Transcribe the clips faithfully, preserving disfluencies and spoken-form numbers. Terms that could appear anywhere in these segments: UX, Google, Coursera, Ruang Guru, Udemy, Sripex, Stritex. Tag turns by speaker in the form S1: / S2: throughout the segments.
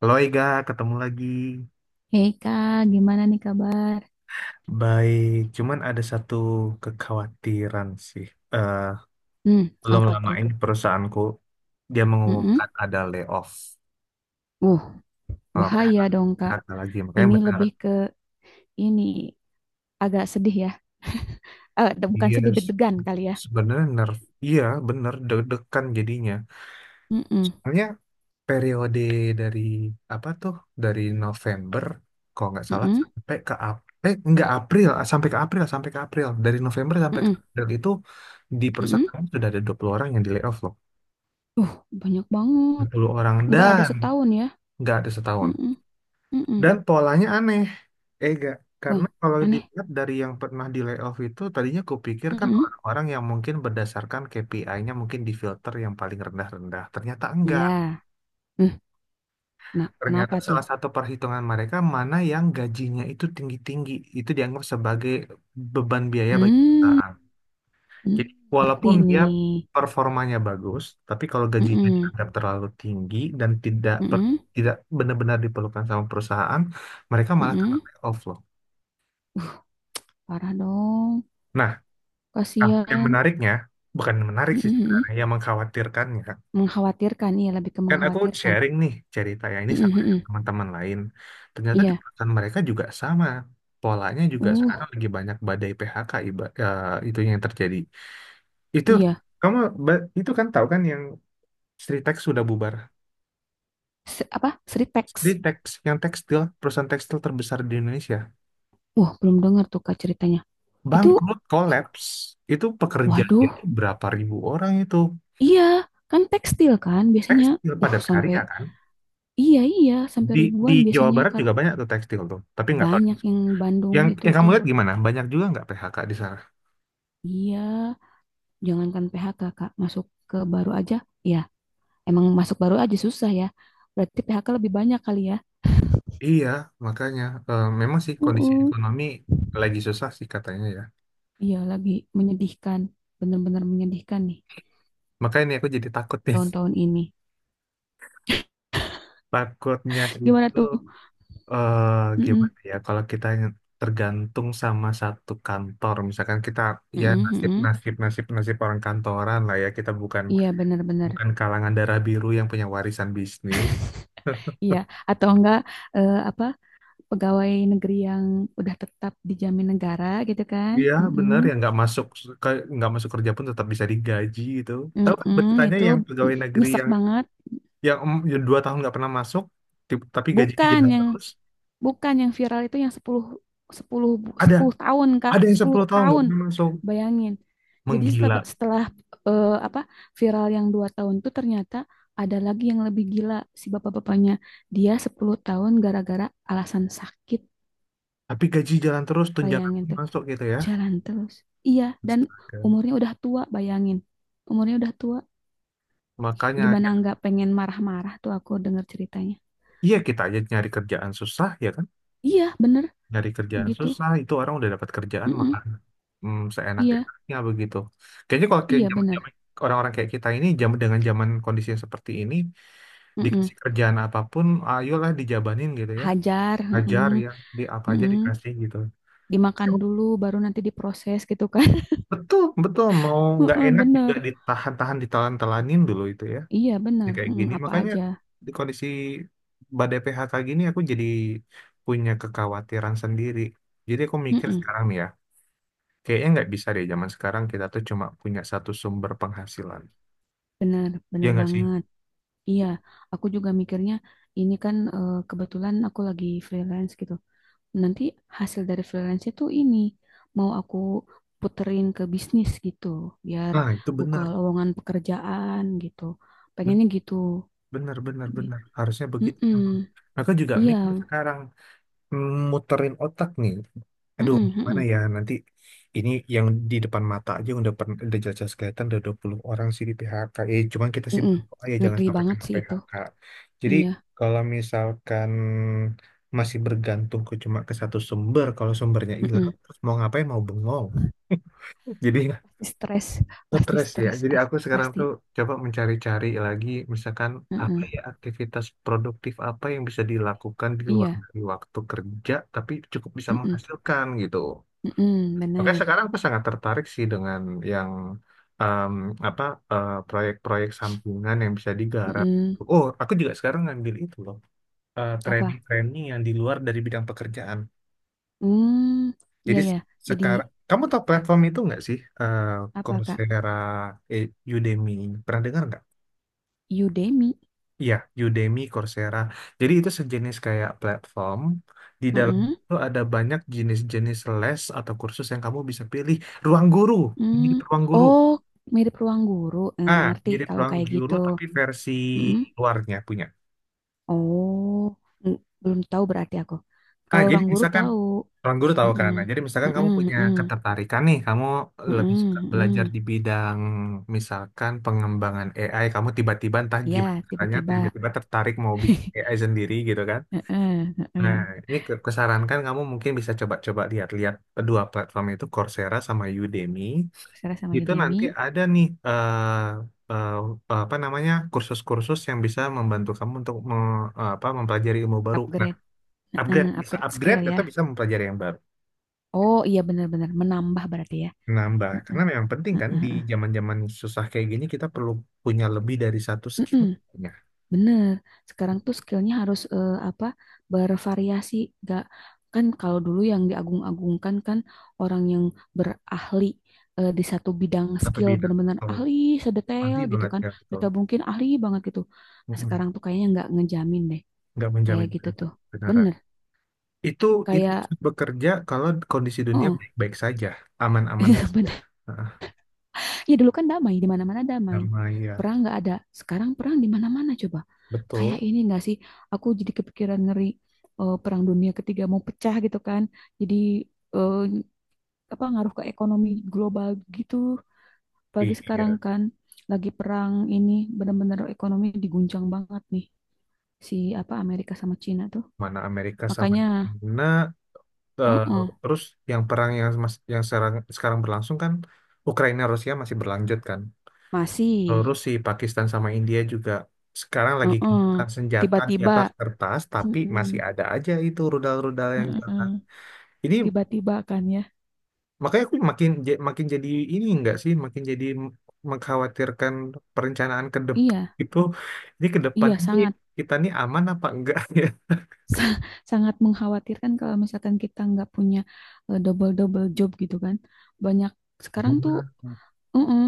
S1: Halo Ega, ketemu lagi.
S2: Hei kak, gimana nih kabar?
S1: Baik, cuman ada satu kekhawatiran sih. Eh,
S2: Hmm,
S1: Belum
S2: apa
S1: lama
S2: tuh?
S1: ini perusahaanku dia mengumumkan
S2: Mm-mm.
S1: ada layoff,
S2: Uh,
S1: eh,
S2: bahaya dong kak.
S1: P H K lagi. Makanya
S2: Ini
S1: benar,
S2: lebih ke ini agak sedih ya. Eh, de- bukan
S1: dia
S2: sedih
S1: s-
S2: deg-degan kali ya.
S1: sebenarnya nerf, iya benar deg-degan jadinya.
S2: Mm-mm.
S1: Soalnya periode dari apa tuh dari November kalau nggak salah
S2: Mm-mm.
S1: sampai ke Ap- eh nggak April ah, sampai ke April sampai ke April dari November sampai ke
S2: Mm-mm.
S1: April itu di
S2: Mm-mm.
S1: perusahaan sudah ada dua puluh orang yang di layoff loh,
S2: Uh, banyak
S1: dua
S2: banget.
S1: puluh orang
S2: Nggak ada
S1: dan
S2: setahun ya.
S1: nggak ada setahun.
S2: Mm-mm. Mm-mm.
S1: Dan polanya aneh, eh nggak
S2: Wah,
S1: karena kalau
S2: aneh.
S1: dilihat dari yang pernah di layoff itu, tadinya kupikir kan
S2: Mm-mm.
S1: orang-orang yang mungkin berdasarkan K P I-nya mungkin di filter yang paling rendah-rendah, ternyata enggak.
S2: Ya. Hmm, Nah,
S1: Ternyata
S2: kenapa tuh?
S1: salah satu perhitungan mereka mana yang gajinya itu tinggi-tinggi, itu dianggap sebagai beban biaya bagi
S2: Hmm.
S1: perusahaan.
S2: Hmm,
S1: Jadi
S2: Ngerti
S1: walaupun dia
S2: nih.
S1: performanya bagus, tapi kalau gajinya
S2: Mm-mm.
S1: dianggap terlalu tinggi dan tidak per-
S2: Mm-mm.
S1: tidak benar-benar diperlukan sama perusahaan, mereka malah kena
S2: Mm-mm.
S1: layoff loh.
S2: Parah dong,
S1: Nah, nah, yang
S2: kasihan.
S1: menariknya, bukan menarik
S2: Mhm,
S1: sih
S2: mhm.
S1: sebenarnya, yang mengkhawatirkannya,
S2: Mengkhawatirkan, iya lebih ke
S1: kan aku
S2: mengkhawatirkan.
S1: sharing nih ceritanya ini sama
S2: Mhm, mhm.
S1: teman-teman lain. Ternyata di
S2: Iya,
S1: perusahaan mereka juga sama. Polanya juga sekarang
S2: uh,
S1: lagi banyak badai P H K iba, eh, itu yang terjadi. Itu
S2: iya.
S1: kamu ba- itu kan tahu kan yang Stritex sudah bubar.
S2: Se- apa? Sripex.
S1: Stritex yang tekstil, perusahaan tekstil terbesar di Indonesia,
S2: Wah, belum dengar tuh Kak ceritanya. Itu,
S1: bangkrut, collapse. Itu pekerjaannya
S2: waduh,
S1: berapa ribu orang itu.
S2: iya, kan tekstil kan biasanya.
S1: Tekstil
S2: Uh,
S1: padat
S2: sampai,
S1: karya kan.
S2: iya, iya, sampai
S1: Di di
S2: ribuan
S1: Jawa
S2: biasanya
S1: Barat
S2: karena
S1: juga banyak tuh tekstil tuh, tapi nggak tahu,
S2: banyak yang Bandung
S1: yang
S2: itu
S1: yang kamu
S2: tuh.
S1: lihat gimana? Banyak juga nggak P H K di sana?
S2: Iya, jangankan P H K Kak, masuk ke baru aja. Ya, emang masuk baru aja susah ya. Berarti P H K lebih banyak kali ya.
S1: Iya, makanya eh, memang sih kondisi
S2: Uh-uh.
S1: ekonomi lagi susah sih katanya ya.
S2: Iya, lagi menyedihkan, benar-benar menyedihkan nih
S1: Makanya nih aku jadi takut nih.
S2: tahun-tahun ini.
S1: Takutnya
S2: Gimana
S1: itu
S2: tuh?
S1: eh,
S2: Mm-mm,
S1: gimana ya kalau kita tergantung sama satu kantor, misalkan kita ya
S2: mm-mm,
S1: nasib,
S2: mm-mm.
S1: nasib, nasib, nasib orang kantoran lah ya, kita bukan
S2: Iya, benar-benar.
S1: bukan kalangan darah biru yang punya warisan bisnis.
S2: Iya, atau enggak eh, apa pegawai negeri yang udah tetap dijamin negara gitu kan?
S1: Iya
S2: Mm-mm,
S1: bener, ya nggak masuk ke- nggak masuk kerja pun tetap bisa digaji gitu. Tahu kan
S2: mm-mm,
S1: beritanya
S2: itu
S1: yang pegawai negeri
S2: nyesek
S1: yang
S2: banget.
S1: ya, em, ya dua tahun nggak pernah masuk, ti- tapi gajinya
S2: Bukan
S1: jalan
S2: yang
S1: terus,
S2: Bukan yang viral itu yang sepuluh sepuluh
S1: ada
S2: sepuluh tahun, Kak.
S1: ada yang
S2: sepuluh
S1: sepuluh tahun nggak
S2: tahun.
S1: pernah masuk,
S2: Bayangin. Jadi
S1: menggila
S2: setelah, setelah, eh, apa viral yang dua tahun itu ternyata ada lagi yang lebih gila si bapak-bapaknya. Dia sepuluh tahun gara-gara alasan sakit.
S1: tapi gaji jalan terus, tunjangan
S2: Bayangin
S1: pun
S2: tuh.
S1: masuk gitu ya.
S2: Jalan terus. Iya, dan
S1: Astaga.
S2: umurnya udah tua, bayangin. Umurnya udah tua.
S1: Makanya
S2: Gimana
S1: ya,
S2: nggak pengen marah-marah tuh aku denger ceritanya.
S1: iya kita aja nyari kerjaan susah ya kan,
S2: Iya, bener
S1: nyari kerjaan
S2: gitu.
S1: susah, itu orang udah dapat kerjaan
S2: Mm-mm.
S1: malah hmm,
S2: Iya,
S1: seenak-enaknya begitu. Kayaknya kalau kayak
S2: iya bener.
S1: zaman-zaman orang-orang kayak kita ini zaman dengan zaman kondisi yang seperti ini, dikasih
S2: Mm-mm.
S1: kerjaan apapun ayolah dijabanin gitu ya,
S2: Hajar,
S1: ajar
S2: heeh,
S1: ya, di apa aja
S2: heeh.
S1: dikasih gitu.
S2: Dimakan dulu baru nanti diproses gitu kan.
S1: Betul, betul. Mau nggak
S2: Heeh,
S1: enak juga
S2: bener.
S1: ditahan-tahan, ditelan-telanin dulu itu ya.
S2: Iya,
S1: Jadi
S2: bener.
S1: kayak
S2: Heeh,
S1: gini.
S2: apa
S1: Makanya
S2: aja.
S1: di kondisi badai P H K gini aku jadi punya kekhawatiran sendiri. Jadi aku mikir
S2: Heeh,
S1: sekarang nih ya, kayaknya nggak bisa deh zaman sekarang kita tuh cuma punya satu sumber penghasilan.
S2: bener,
S1: Ya
S2: bener
S1: nggak sih?
S2: banget. Iya, aku juga mikirnya ini kan eh, kebetulan aku lagi freelance gitu. Nanti hasil dari freelance itu ini mau aku puterin ke bisnis gitu, biar
S1: Nah, itu
S2: buka
S1: benar.
S2: lowongan pekerjaan gitu.
S1: Ben-
S2: Pengennya gitu.
S1: Benar, benar, benar. Harusnya begitu.
S2: Heeh.
S1: Aku juga mikir
S2: Iya,
S1: sekarang, muterin otak nih. Aduh,
S2: heeh,
S1: gimana
S2: heeh.
S1: ya nanti, ini yang di depan mata aja udah pern- udah jelas-jelas kelihatan ada dua puluh orang sih di P H K. Eh, cuman kita sih
S2: Mm-mm.
S1: berdoa ya jangan
S2: Ngeri
S1: sampai
S2: banget
S1: kena
S2: sih itu.
S1: P H K. Jadi
S2: Iya,
S1: kalau misalkan masih bergantung ke cuma ke satu sumber, kalau sumbernya hilang
S2: mm-mm.
S1: terus mau ngapain, mau bengong. Jadi
S2: Pasti stres, pasti
S1: stres ya.
S2: stres,
S1: Jadi
S2: as-
S1: aku sekarang
S2: pasti.
S1: tuh coba mencari-cari lagi, misalkan apa
S2: Mm-mm.
S1: ya, aktivitas produktif apa yang bisa dilakukan di luar
S2: Iya,
S1: dari waktu kerja, tapi cukup bisa
S2: mm-mm.
S1: menghasilkan gitu.
S2: Mm-mm,
S1: Oke,
S2: benar.
S1: sekarang aku sangat tertarik sih dengan yang em, apa eh, proyek-proyek sampingan yang bisa digarap.
S2: Mm-mm.
S1: Oh, aku juga sekarang ngambil itu loh, eh,
S2: Apa?
S1: training-training yang di luar dari bidang pekerjaan.
S2: Hmm, iya
S1: Jadi
S2: ya.
S1: s-
S2: Jadi
S1: Sekarang kamu tahu platform itu nggak sih? Eh,
S2: apa Kak?
S1: Coursera, eh, Udemy. Pernah dengar nggak?
S2: Udemy.
S1: Iya, Udemy, Coursera. Jadi itu sejenis kayak platform. Di dalam
S2: Mm-mm.
S1: itu ada banyak jenis-jenis les atau kursus yang kamu bisa pilih. Ruang guru, mirip
S2: Mm.
S1: ruang guru.
S2: Oh, mirip ruang guru. Mm,
S1: Ah,
S2: ngerti
S1: mirip
S2: kalau
S1: ruang
S2: kayak
S1: guru
S2: gitu.
S1: tapi versi
S2: Mm-mm.
S1: luarnya punya.
S2: Oh, mm, belum tahu berarti aku.
S1: Nah,
S2: Kalau
S1: jadi
S2: ruang guru
S1: misalkan
S2: tahu.
S1: ruang guru tahu
S2: Mm-mm.
S1: kan. Nah, jadi misalkan
S2: Mm-mm,
S1: kamu punya
S2: mm-mm.
S1: ketertarikan nih, kamu lebih suka
S2: Mm-mm,
S1: belajar
S2: mm-mm.
S1: di bidang misalkan pengembangan A I, kamu tiba-tiba entah
S2: Iya,
S1: gimana caranya
S2: tiba-tiba.
S1: tiba-tiba tertarik mau bikin A I sendiri gitu kan.
S2: Heeh,
S1: Nah,
S2: heeh.
S1: ini ke- kusarankan kamu mungkin bisa coba-coba lihat-lihat kedua platform itu, Coursera sama Udemy.
S2: Coursera sama
S1: Itu nanti
S2: Udemy,
S1: ada nih, eh, eh, apa namanya, kursus-kursus yang bisa membantu kamu untuk me- eh, apa mempelajari ilmu baru. Nah,
S2: upgrade, heeh,
S1: upgrade, bisa
S2: upgrade skill
S1: upgrade
S2: ya.
S1: atau bisa mempelajari yang baru.
S2: Oh iya benar-benar menambah berarti ya.
S1: Nambah, karena memang penting kan di
S2: Heeh.
S1: zaman-zaman susah kayak gini kita perlu punya lebih dari satu skill
S2: Mm-mm,
S1: ya,
S2: bener. Sekarang tuh skillnya harus eh, apa bervariasi. Gak kan kalau dulu yang diagung-agungkan kan orang yang berahli eh, di satu bidang
S1: atau
S2: skill
S1: bidang.
S2: benar-benar
S1: Atau
S2: ahli sedetail
S1: nanti
S2: gitu
S1: banget
S2: kan.
S1: ya, betul.
S2: Mereka mungkin ahli banget gitu. Nah,
S1: Mm-mm.
S2: sekarang tuh kayaknya nggak ngejamin deh
S1: Nggak
S2: kayak
S1: menjamin
S2: gitu tuh.
S1: kebenaran.
S2: Bener.
S1: Itu itu
S2: Kayak,
S1: bekerja kalau kondisi dunia
S2: oh,
S1: baik-baik saja, aman-aman saja.
S2: bener.
S1: Heeh,
S2: Ya dulu kan damai, di mana-mana damai.
S1: sama ya,
S2: Perang nggak ada. Sekarang perang di mana-mana coba. Kayak
S1: betul.
S2: ini nggak sih? Aku jadi kepikiran ngeri eh, perang dunia ketiga mau pecah gitu kan. Jadi eh, apa ngaruh ke ekonomi global gitu. Apalagi sekarang
S1: Iya,
S2: kan lagi perang ini benar-benar ekonomi diguncang banget nih si apa Amerika sama Cina tuh.
S1: mana Amerika sama
S2: Makanya,
S1: China. eh,
S2: uh-uh,
S1: Terus yang perang yang mas- yang sekarang, sekarang berlangsung kan Ukraina Rusia masih berlanjut kan.
S2: masih,
S1: Terus si Pakistan sama India juga sekarang lagi
S2: uh-uh,
S1: gencatan senjata di
S2: tiba-tiba,
S1: atas kertas, tapi
S2: mm-mm,
S1: masih ada aja itu rudal-rudal yang jalan.
S2: mm-mm,
S1: Ini
S2: tiba-tiba kan ya.
S1: makanya aku makin ja- makin jadi, ini enggak sih, makin jadi m- mengkhawatirkan perencanaan ke depan
S2: Iya,
S1: itu. Ini ke depan
S2: iya
S1: ini
S2: sangat.
S1: kita nih aman apa enggak ya?
S2: sa- Sangat mengkhawatirkan kalau misalkan kita nggak punya double double job gitu kan banyak sekarang tuh
S1: Benar.
S2: mm-mm,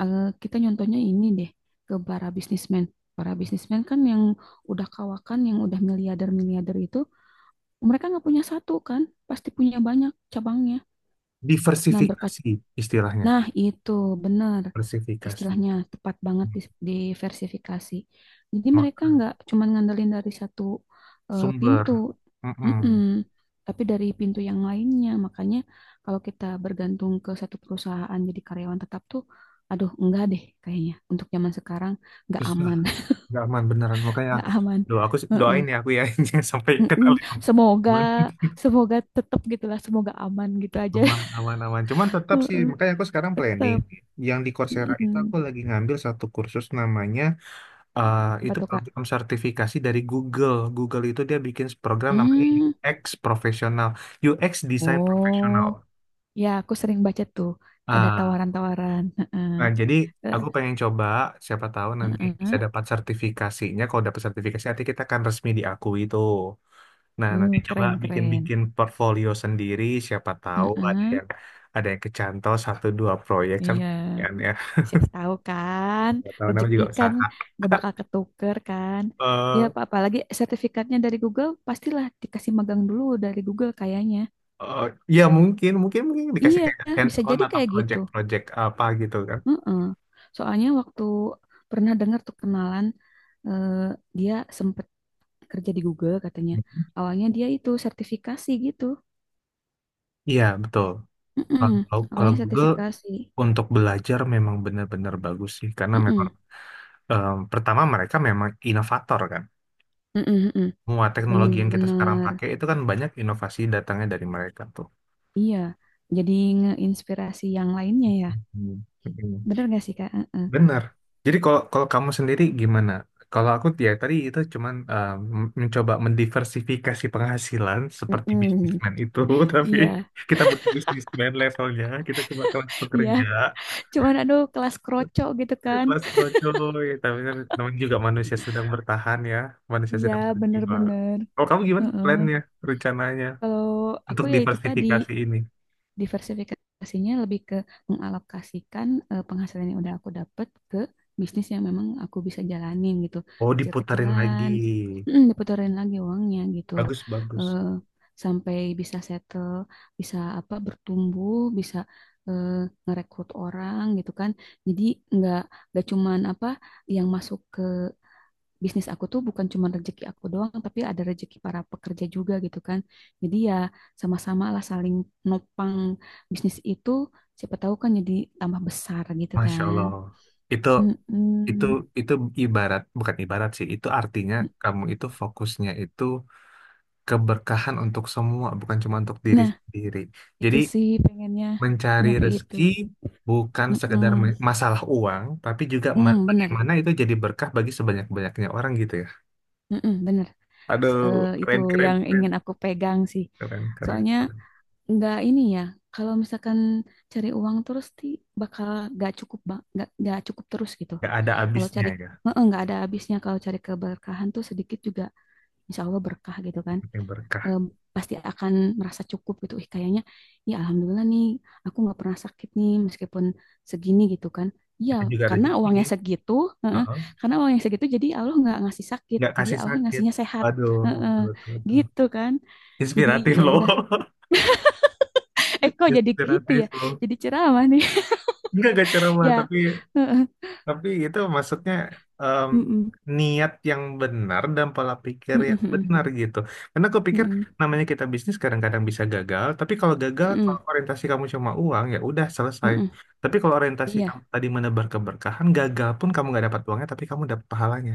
S2: eh, kita nyontohnya ini deh ke para bisnismen para bisnismen kan yang udah kawakan yang udah miliarder miliarder itu mereka nggak punya satu kan pasti punya banyak cabangnya nah berkat
S1: Diversifikasi istilahnya,
S2: nah itu benar
S1: diversifikasi.
S2: istilahnya tepat banget dis- diversifikasi. Jadi
S1: Ma-
S2: mereka nggak cuma ngandelin dari satu eh, pintu.
S1: Sumber.
S2: Mm-mm.
S1: Mm-mm.
S2: Tapi dari pintu yang lainnya. Makanya kalau kita bergantung ke satu perusahaan jadi karyawan tetap tuh, aduh enggak deh kayaknya. Untuk zaman sekarang nggak
S1: Terus ah,
S2: aman,
S1: nggak aman beneran. Makanya
S2: nggak aman.
S1: doa aku sih,
S2: Heeh.
S1: doain ya aku ya, jangan sampai kena
S2: Mm-mm.
S1: leong.
S2: Semoga,
S1: Cuman
S2: semoga tetap gitulah, semoga aman gitu aja.
S1: aman, aman, aman. Cuman tetap sih,
S2: Heeh.
S1: makanya aku sekarang planning.
S2: Tetap.
S1: Yang di Coursera itu aku
S2: Mm-mm.
S1: lagi ngambil satu kursus namanya, ah
S2: Apa
S1: itu
S2: tuh Kak?
S1: program sertifikasi dari Google. Google itu dia bikin program namanya
S2: Hmm.
S1: U X profesional, U X design
S2: Oh.
S1: profesional.
S2: Ya, aku sering baca tuh. Ada
S1: Ah,
S2: tawaran-tawaran. Heeh.
S1: nah, jadi
S2: Eh,
S1: aku pengen coba, siapa tahu nanti bisa
S2: heeh.
S1: dapat sertifikasinya. Kalau dapat sertifikasi, nanti kita akan resmi diakui itu. Nah, nanti
S2: Uh,
S1: coba
S2: keren, keren.
S1: bikin-bikin portfolio sendiri. Siapa tahu ada
S2: Heeh.
S1: yang ada yang kecantol satu dua proyek kan,
S2: Iya.
S1: lumayan ya.
S2: Siapa tahu kan.
S1: Siapa tahu, namanya
S2: Rezeki
S1: juga
S2: kan
S1: usaha.
S2: nggak bakal ketuker kan. Ya,
S1: Eh,
S2: apa apalagi sertifikatnya dari Google, pastilah dikasih magang dulu dari Google kayaknya.
S1: Oh, ya mungkin, mungkin mungkin dikasih
S2: Iya,
S1: kayak hands
S2: bisa
S1: on
S2: jadi
S1: atau
S2: kayak gitu.
S1: project-project apa gitu kan.
S2: Heeh. Soalnya waktu pernah dengar tuh kenalan, eh, dia sempet kerja di Google katanya. Awalnya dia itu sertifikasi gitu.
S1: Iya, betul.
S2: Mm-mm.
S1: Kalau kalau
S2: Awalnya
S1: Google
S2: sertifikasi.
S1: untuk belajar memang benar-benar bagus sih, karena memang
S2: Mm-mm.
S1: em, pertama mereka memang inovator kan.
S2: Mm-mm, mm-mm.
S1: Semua teknologi yang kita sekarang
S2: Bener-bener.
S1: pakai itu kan banyak inovasi datangnya dari mereka tuh.
S2: Iya. Jadi ngeinspirasi yang lainnya ya.
S1: Hmm. Hmm.
S2: Bener gak sih, Kak? Mm-mm.
S1: Benar. Jadi kalau kalau kamu sendiri gimana? Kalau aku ya tadi itu cuman eh, m- mencoba mendiversifikasi penghasilan seperti
S2: Mm-mm.
S1: bisnismen itu, tapi
S2: Iya,
S1: kita bukan bisnismen levelnya, kita cuma kelas
S2: iya.
S1: pekerja,
S2: Cuman aduh kelas kroco gitu kan.
S1: kelas kroco, ya, tapi kan namanya juga manusia sedang bertahan ya, manusia
S2: Iya,
S1: sedang berjuang.
S2: bener-bener.
S1: Kalau kamu gimana
S2: Heeh.
S1: plannya, rencananya
S2: Kalau aku
S1: untuk
S2: ya itu tadi.
S1: diversifikasi ini?
S2: Diversifikasinya lebih ke mengalokasikan eh, penghasilan yang udah aku dapat ke bisnis yang memang aku bisa jalanin gitu.
S1: Oh, diputarin lagi.
S2: Kecil-kecilan, diputerin lagi uangnya gitu.
S1: Bagus, bagus.
S2: Eh, sampai bisa settle, bisa apa bertumbuh, bisa eh, ngerekrut orang gitu kan. Jadi nggak nggak cuman apa yang masuk ke bisnis aku tuh bukan cuma rezeki aku doang, tapi ada rezeki para pekerja juga gitu kan. Jadi ya sama-sama lah saling nopang bisnis itu, siapa tahu kan jadi tambah besar gitu
S1: Masya
S2: kan.
S1: Allah. Itu itu
S2: Mm-mm.
S1: itu ibarat, bukan ibarat sih, itu artinya kamu itu fokusnya itu keberkahan untuk semua bukan cuma untuk diri
S2: Nah,
S1: sendiri,
S2: itu
S1: jadi
S2: sih pengennya
S1: mencari
S2: nyampe itu.
S1: rezeki bukan sekedar
S2: Mm-mm.
S1: me- masalah uang tapi juga me-
S2: Mm, bener,
S1: bagaimana itu jadi berkah bagi sebanyak-banyaknya orang gitu ya.
S2: mm-mm, bener. S-
S1: Aduh,
S2: eh, itu
S1: keren keren
S2: yang
S1: keren,
S2: ingin aku pegang sih.
S1: keren keren
S2: Soalnya
S1: keren.
S2: nggak ini ya kalau misalkan cari uang terus ti bakal nggak cukup ba- nggak nggak cukup terus gitu
S1: Nggak ada
S2: kalau
S1: habisnya
S2: cari
S1: ya,
S2: eh, nggak ada habisnya kalau cari keberkahan tuh sedikit juga insya Allah berkah gitu kan.
S1: ini berkah,
S2: Eh, pasti akan merasa cukup gitu ih kayaknya ya alhamdulillah nih aku nggak pernah sakit nih meskipun segini gitu kan. Iya,
S1: itu juga
S2: karena
S1: rezeki.
S2: uangnya segitu, eh, eh,
S1: Heeh.
S2: karena uangnya segitu, jadi Allah nggak ngasih sakit,
S1: Nggak
S2: jadi
S1: kasih
S2: Allah
S1: sakit,
S2: ngasihnya sehat.
S1: aduh
S2: Eh, eh,
S1: betul, betul, betul.
S2: gitu kan. Jadi
S1: Inspiratif
S2: ya
S1: loh,
S2: udah. Eh kok jadi gitu
S1: inspiratif
S2: ya?
S1: loh.
S2: Jadi ceramah nih.
S1: Enggak gak ceramah
S2: Ya.
S1: tapi
S2: Heeh.
S1: tapi itu maksudnya em,
S2: Mm-mm.
S1: niat yang benar dan pola pikir
S2: Mm-mm,
S1: yang
S2: mm-mm,
S1: benar gitu. Karena aku pikir
S2: mm-mm,
S1: namanya kita bisnis kadang-kadang bisa gagal, tapi kalau gagal
S2: mm-mm.
S1: kalau orientasi kamu cuma uang ya udah selesai. Tapi kalau orientasi kamu
S2: Iya.
S1: tadi menebar keberkahan, gagal pun kamu nggak dapat uangnya tapi kamu dapat pahalanya.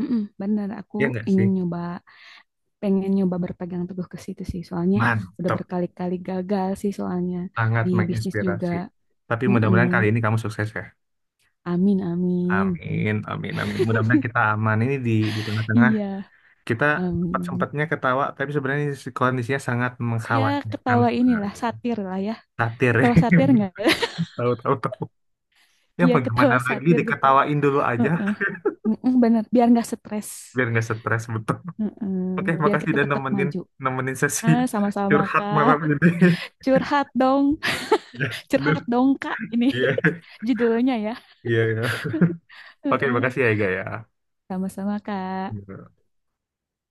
S2: Mm-mm, bener. Aku
S1: Ya nggak sih?
S2: ingin nyoba, pengen nyoba berpegang teguh ke situ sih. Soalnya udah
S1: Mantap,
S2: berkali-kali gagal sih soalnya
S1: sangat
S2: di bisnis juga.
S1: menginspirasi. Tapi
S2: Mm-mm.
S1: mudah-mudahan kali ini kamu sukses ya.
S2: Amin, amin.
S1: Amin, amin, amin. Mudah-mudahan kita aman ini di di tengah-tengah.
S2: Iya,
S1: Kita
S2: amin.
S1: sempat-sempatnya ketawa, tapi sebenarnya si- kondisinya sangat
S2: Ya
S1: mengkhawatirkan
S2: ketawa inilah
S1: sebenarnya.
S2: satir lah ya.
S1: Satir ya.
S2: Ketawa satir nggak?
S1: Tahu-tahu tahu. Tahu. Ya
S2: Iya
S1: mau gimana
S2: ketawa
S1: lagi,
S2: satir gitu.
S1: diketawain dulu aja
S2: Heeh. Mm-mm, bener. Biar nggak stres.
S1: biar nggak stres, betul.
S2: Heeh.
S1: Oke,
S2: Biar
S1: makasih
S2: kita
S1: dan
S2: tetap
S1: nemenin,
S2: maju.
S1: nemenin sesi
S2: Ah, sama-sama
S1: curhat malam
S2: Kak.
S1: ini.
S2: Curhat dong,
S1: Ya, bener.
S2: curhat dong Kak ini
S1: Iya,
S2: judulnya ya.
S1: iya. Iya. Oke,
S2: Heeh.
S1: makasih ya Ega ya.
S2: Sama-sama Kak.
S1: Iya.